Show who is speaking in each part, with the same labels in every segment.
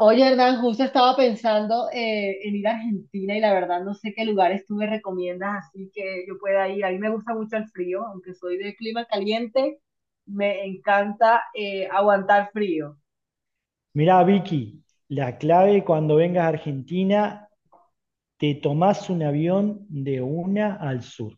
Speaker 1: Oye, Hernán, justo estaba pensando en ir a Argentina y la verdad no sé qué lugares tú me recomiendas así que yo pueda ir. A mí me gusta mucho el frío, aunque soy de clima caliente, me encanta aguantar frío.
Speaker 2: Mirá, Vicky, la clave cuando vengas a Argentina, te tomás un avión de una al sur.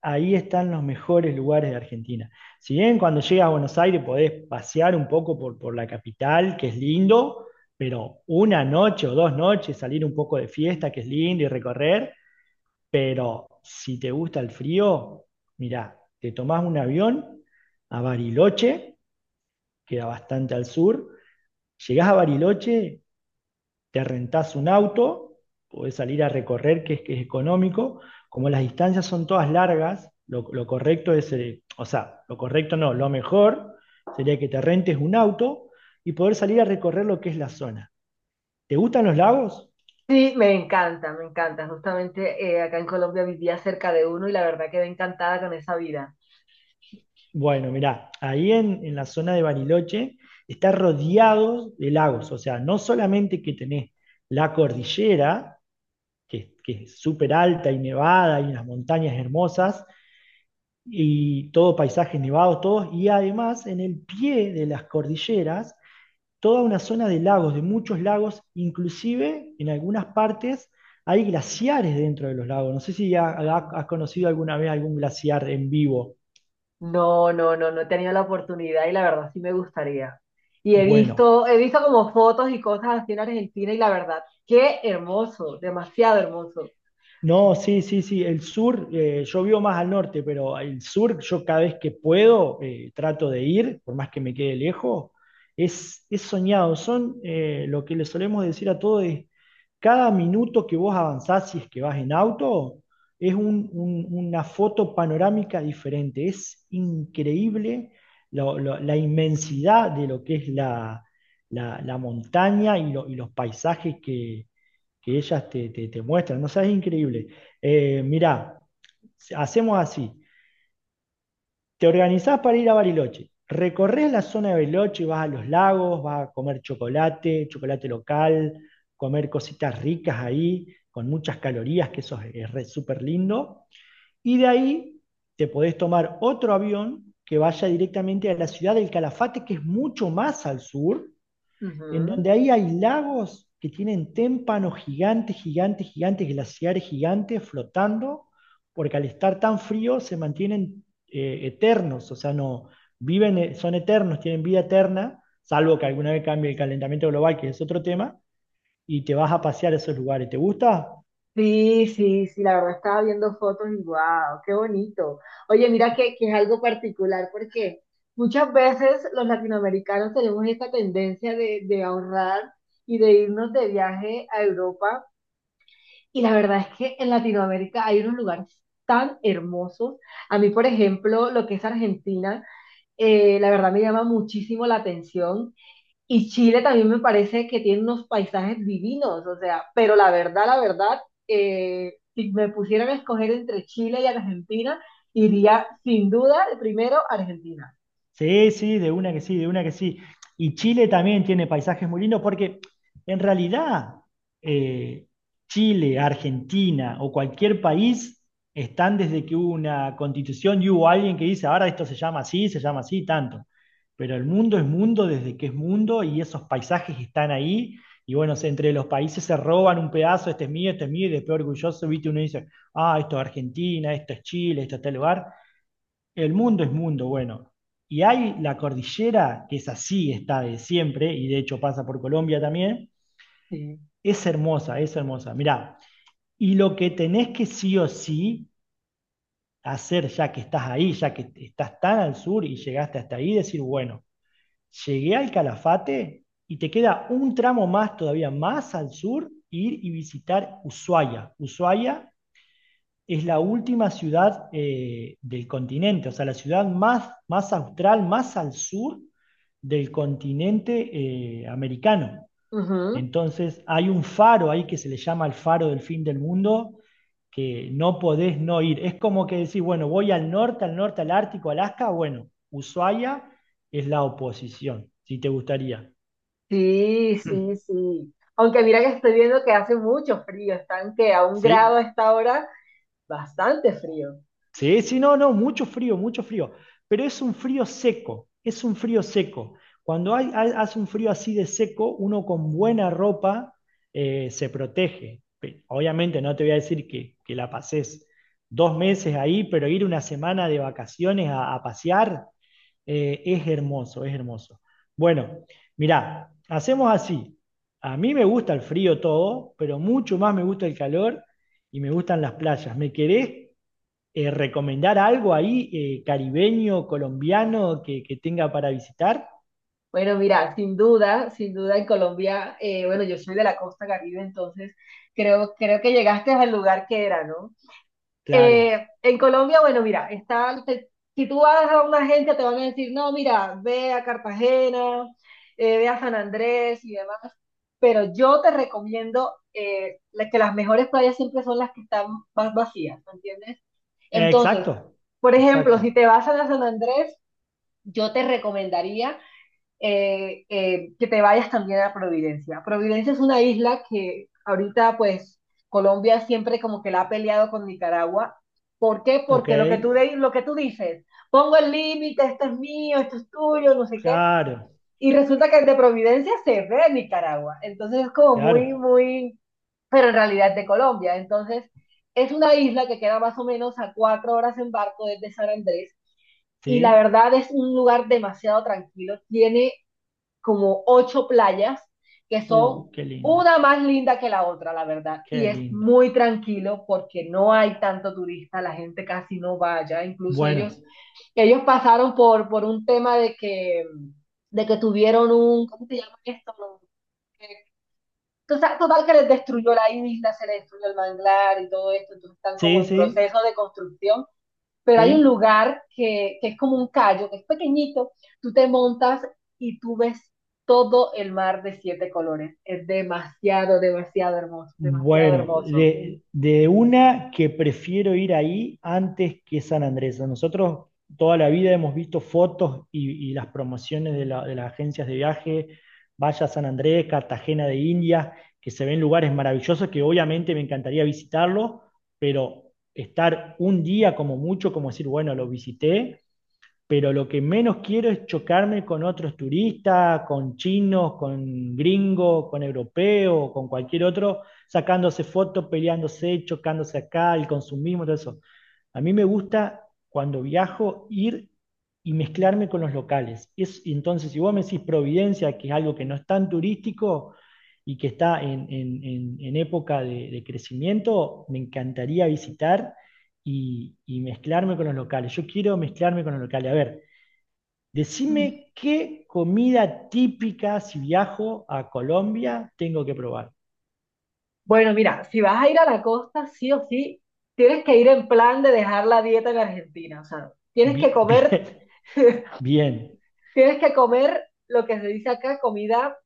Speaker 2: Ahí están los mejores lugares de Argentina. Si bien cuando llegas a Buenos Aires podés pasear un poco por la capital, que es lindo, pero una noche o dos noches salir un poco de fiesta, que es lindo, y recorrer, pero si te gusta el frío, mirá, te tomás un avión a Bariloche, queda bastante al sur, llegás a Bariloche te rentás un auto, podés salir a recorrer, que es económico, como las distancias son todas largas, lo correcto es, o sea, lo correcto no, lo mejor sería que te rentes un auto y poder salir a recorrer lo que es la zona. ¿Te gustan los lagos?
Speaker 1: Sí, me encanta, me encanta. Justamente acá en Colombia vivía cerca de uno y la verdad quedé encantada con esa vida.
Speaker 2: Bueno, mirá, ahí en la zona de Bariloche está rodeado de lagos, o sea, no solamente que tenés la cordillera, que es súper alta y nevada y unas montañas hermosas, y todo paisajes nevados, todos, y además en el pie de las cordilleras, toda una zona de lagos, de muchos lagos, inclusive en algunas partes hay glaciares dentro de los lagos. No sé si has conocido alguna vez algún glaciar en vivo.
Speaker 1: No, no, no, no he tenido la oportunidad y la verdad sí me gustaría. Y
Speaker 2: Bueno,
Speaker 1: he visto como fotos y cosas así en Argentina y la verdad, qué hermoso, demasiado hermoso.
Speaker 2: no, sí, sí, sí. El sur, yo vivo más al norte, pero el sur, yo cada vez que puedo, trato de ir, por más que me quede lejos, es soñado. Son lo que le solemos decir a todos es, cada minuto que vos avanzás, si es que vas en auto, es una foto panorámica diferente. Es increíble la inmensidad de lo que es la montaña y, y los paisajes que ellas te muestran. No o es increíble. Mirá, hacemos así. Te organizás para ir a Bariloche. Recorres la zona de Bariloche, vas a los lagos, vas a comer chocolate, chocolate local, comer cositas ricas ahí, con muchas calorías, es súper lindo. Y de ahí te podés tomar otro avión que vaya directamente a la ciudad del Calafate, que es mucho más al sur, en
Speaker 1: Ujú.
Speaker 2: donde ahí hay lagos que tienen témpanos gigantes, gigantes, gigantes, glaciares gigantes flotando, porque al estar tan frío se mantienen eternos, o sea, no viven, son eternos, tienen vida eterna, salvo que alguna vez cambie el calentamiento global, que es otro tema, y te vas a pasear a esos lugares. ¿Te gusta?
Speaker 1: Sí, sí, sí, la verdad estaba viendo fotos y wow, qué bonito. Oye, mira que es algo particular porque muchas veces los latinoamericanos tenemos esta tendencia de ahorrar y de irnos de viaje a Europa. Y la verdad es que en Latinoamérica hay unos lugares tan hermosos. A mí, por ejemplo, lo que es Argentina, la verdad me llama muchísimo la atención. Y Chile también me parece que tiene unos paisajes divinos, o sea, pero la verdad, si me pusieran a escoger entre Chile y Argentina, iría sin duda primero a Argentina.
Speaker 2: Sí, sí, de una que sí, de una que sí. Y Chile también tiene paisajes muy lindos porque en realidad eh, Chile, Argentina o cualquier país están desde que hubo una constitución y hubo alguien que dice, ahora esto se llama así, tanto. Pero el mundo es mundo desde que es mundo y esos paisajes están ahí. Y bueno, entre los países se roban un pedazo, este es mío, y después orgulloso, viste, uno dice, ah, esto es Argentina, esto es Chile, esto es tal lugar. El mundo es mundo, bueno. Y hay la cordillera, que es así, está de siempre, y de hecho pasa por Colombia también.
Speaker 1: Sí.
Speaker 2: Es hermosa, es hermosa. Mirá, y lo que tenés que sí o sí hacer ya que estás ahí, ya que estás tan al sur y llegaste hasta ahí, decir, bueno, llegué al Calafate y te queda un tramo más, todavía más al sur, ir y visitar Ushuaia. Ushuaia es la última ciudad del continente, o sea, la ciudad más, más austral, más al sur del continente americano.
Speaker 1: Ujú.
Speaker 2: Entonces hay un faro ahí que se le llama el faro del fin del mundo, que no podés no ir. Es como que decís, bueno, voy al norte, al norte, al Ártico, Alaska, bueno, Ushuaia es la oposición, si te gustaría.
Speaker 1: Sí, sí, sí. Aunque mira que estoy viendo que hace mucho frío, están que a un grado a
Speaker 2: ¿Sí?
Speaker 1: esta hora. Bastante frío.
Speaker 2: Sí, sí, no, no, mucho frío, pero es un frío seco, es un frío seco. Cuando hace un frío así de seco, uno con buena ropa se protege. Obviamente no te voy a decir que la pases dos meses ahí, pero ir una semana de vacaciones a pasear, es hermoso, es hermoso. Bueno, mirá, hacemos así. A mí me gusta el frío todo, pero mucho más me gusta el calor y me gustan las playas. ¿Me querés recomendar algo ahí caribeño, colombiano que tenga para visitar?
Speaker 1: Bueno, mira, sin duda, sin duda en Colombia, bueno, yo soy de la costa Caribe, entonces creo, creo que llegaste al lugar que era, ¿no?
Speaker 2: Claro.
Speaker 1: En Colombia, bueno, mira, si tú vas a una agencia te van a decir, no, mira, ve a Cartagena, ve a San Andrés y demás, pero yo te recomiendo que las mejores playas siempre son las que están más vacías, ¿me entiendes?
Speaker 2: Exacto,
Speaker 1: Entonces, por ejemplo,
Speaker 2: exacto.
Speaker 1: si te vas a la San Andrés, yo te recomendaría que te vayas también a Providencia. Providencia es una isla que ahorita pues Colombia siempre como que la ha peleado con Nicaragua. ¿Por qué?
Speaker 2: Ok,
Speaker 1: Porque lo que tú, lo que tú dices, pongo el límite, esto es mío, esto es tuyo, no sé qué,
Speaker 2: claro,
Speaker 1: y resulta que el de Providencia se ve en Nicaragua. Entonces es como muy,
Speaker 2: claro,
Speaker 1: muy, pero en realidad es de Colombia. Entonces es una isla que queda más o menos a 4 horas en barco desde San Andrés y la
Speaker 2: sí.
Speaker 1: verdad es un lugar demasiado tranquilo. Tiene como 8 playas que son
Speaker 2: Qué lindo,
Speaker 1: una más linda que la otra, la verdad. Y
Speaker 2: qué
Speaker 1: es
Speaker 2: lindo.
Speaker 1: muy tranquilo porque no hay tanto turista, la gente casi no va vaya. Incluso
Speaker 2: Bueno,
Speaker 1: ellos, ellos pasaron por un tema de que tuvieron un, ¿cómo se llama esto? No, que- Total, total que les destruyó la isla, se les destruyó el manglar y todo esto, entonces están como
Speaker 2: sí,
Speaker 1: en
Speaker 2: sí,
Speaker 1: proceso de construcción, pero hay un
Speaker 2: sí.
Speaker 1: lugar que es como un callo, que es pequeñito, tú te montas y tú ves todo el mar de 7 colores. Es demasiado, demasiado hermoso, demasiado
Speaker 2: Bueno,
Speaker 1: hermoso.
Speaker 2: de una que prefiero ir ahí antes que San Andrés. Nosotros toda la vida hemos visto fotos y las promociones de las agencias de viaje, vaya a San Andrés, Cartagena de Indias, que se ven lugares maravillosos que obviamente me encantaría visitarlos, pero estar un día como mucho, como decir, bueno, lo visité, pero lo que menos quiero es chocarme con otros turistas, con chinos, con gringos, con europeos, con cualquier otro, sacándose fotos, peleándose, chocándose acá, el consumismo, todo eso. A mí me gusta cuando viajo ir y mezclarme con los locales. Es, entonces, si vos me decís Providencia, que es algo que no es tan turístico y que está en época de crecimiento, me encantaría visitar y mezclarme con los locales. Yo quiero mezclarme con los locales. A ver, decime qué comida típica, si viajo a Colombia, tengo que probar.
Speaker 1: Bueno, mira, si vas a ir a la costa, sí o sí, tienes que ir en plan de dejar la dieta en Argentina. O sea,
Speaker 2: Bien, bien,
Speaker 1: tienes que comer lo que se dice acá, comida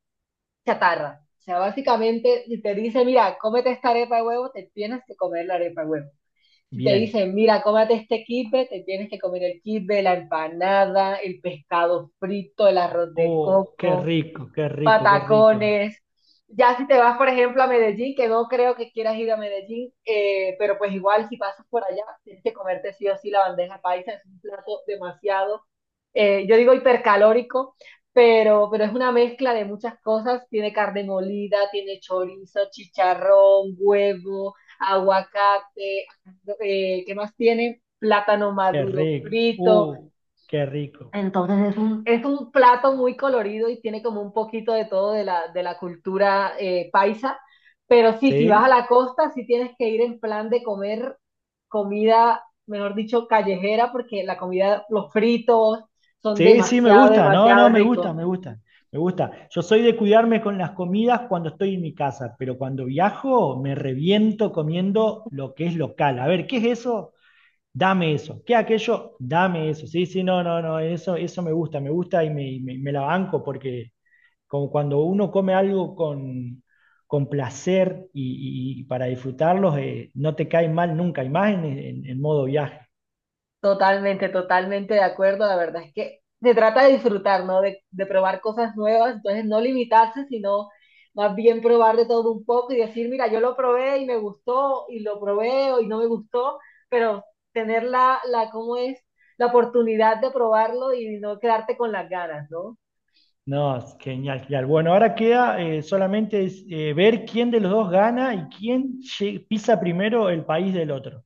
Speaker 1: chatarra. O sea, básicamente, si te dice, mira, cómete esta arepa de huevo, te tienes que comer la arepa de huevo. Si te
Speaker 2: bien.
Speaker 1: dicen, mira, cómate este kipe, te tienes que comer el kipe, la empanada, el pescado frito, el arroz de
Speaker 2: Oh, qué
Speaker 1: coco,
Speaker 2: rico, qué rico, qué rico,
Speaker 1: patacones. Ya si te vas, por ejemplo, a Medellín, que no creo que quieras ir a Medellín, pero pues igual si pasas por allá, tienes que comerte sí o sí la bandeja paisa, es un plato demasiado, yo digo hipercalórico, pero es una mezcla de muchas cosas, tiene carne molida, tiene chorizo, chicharrón, huevo, aguacate, ¿qué más tiene? Plátano
Speaker 2: qué
Speaker 1: maduro
Speaker 2: rico.
Speaker 1: frito,
Speaker 2: Qué rico.
Speaker 1: entonces es un plato muy colorido y tiene como un poquito de todo de la cultura paisa, pero sí, si vas a
Speaker 2: ¿Sí?
Speaker 1: la costa, sí tienes que ir en plan de comer comida, mejor dicho, callejera, porque la comida, los fritos son
Speaker 2: Sí, sí, me
Speaker 1: demasiado,
Speaker 2: gusta. No,
Speaker 1: demasiado
Speaker 2: no, me
Speaker 1: ricos.
Speaker 2: gusta, me gusta. Me gusta. Yo soy de cuidarme con las comidas cuando estoy en mi casa, pero cuando viajo me reviento comiendo lo que es local. A ver, ¿qué es eso? Dame eso. ¿Qué aquello? Dame eso. Sí, sí, no, no, no. Eso me gusta y me la banco porque como cuando uno come algo con placer y para disfrutarlos, no te cae mal nunca, y más en, en modo viaje.
Speaker 1: Totalmente, totalmente de acuerdo. La verdad es que se trata de disfrutar, ¿no? De probar cosas nuevas, entonces no limitarse, sino más bien probar de todo un poco y decir, mira, yo lo probé y me gustó, y lo probé y no me gustó, pero tener la, la, ¿cómo es? La oportunidad de probarlo y no quedarte con las ganas, ¿no?
Speaker 2: No, es genial, genial. Bueno, ahora queda solamente es, ver quién de los dos gana y quién pisa primero el país del otro.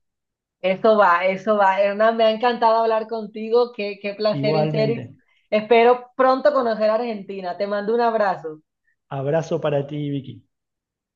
Speaker 1: Eso va, eso va. Hernán, me ha encantado hablar contigo, qué, qué placer, en serio.
Speaker 2: Igualmente.
Speaker 1: Espero pronto conocer a Argentina. Te mando un abrazo.
Speaker 2: Abrazo para ti, Vicky.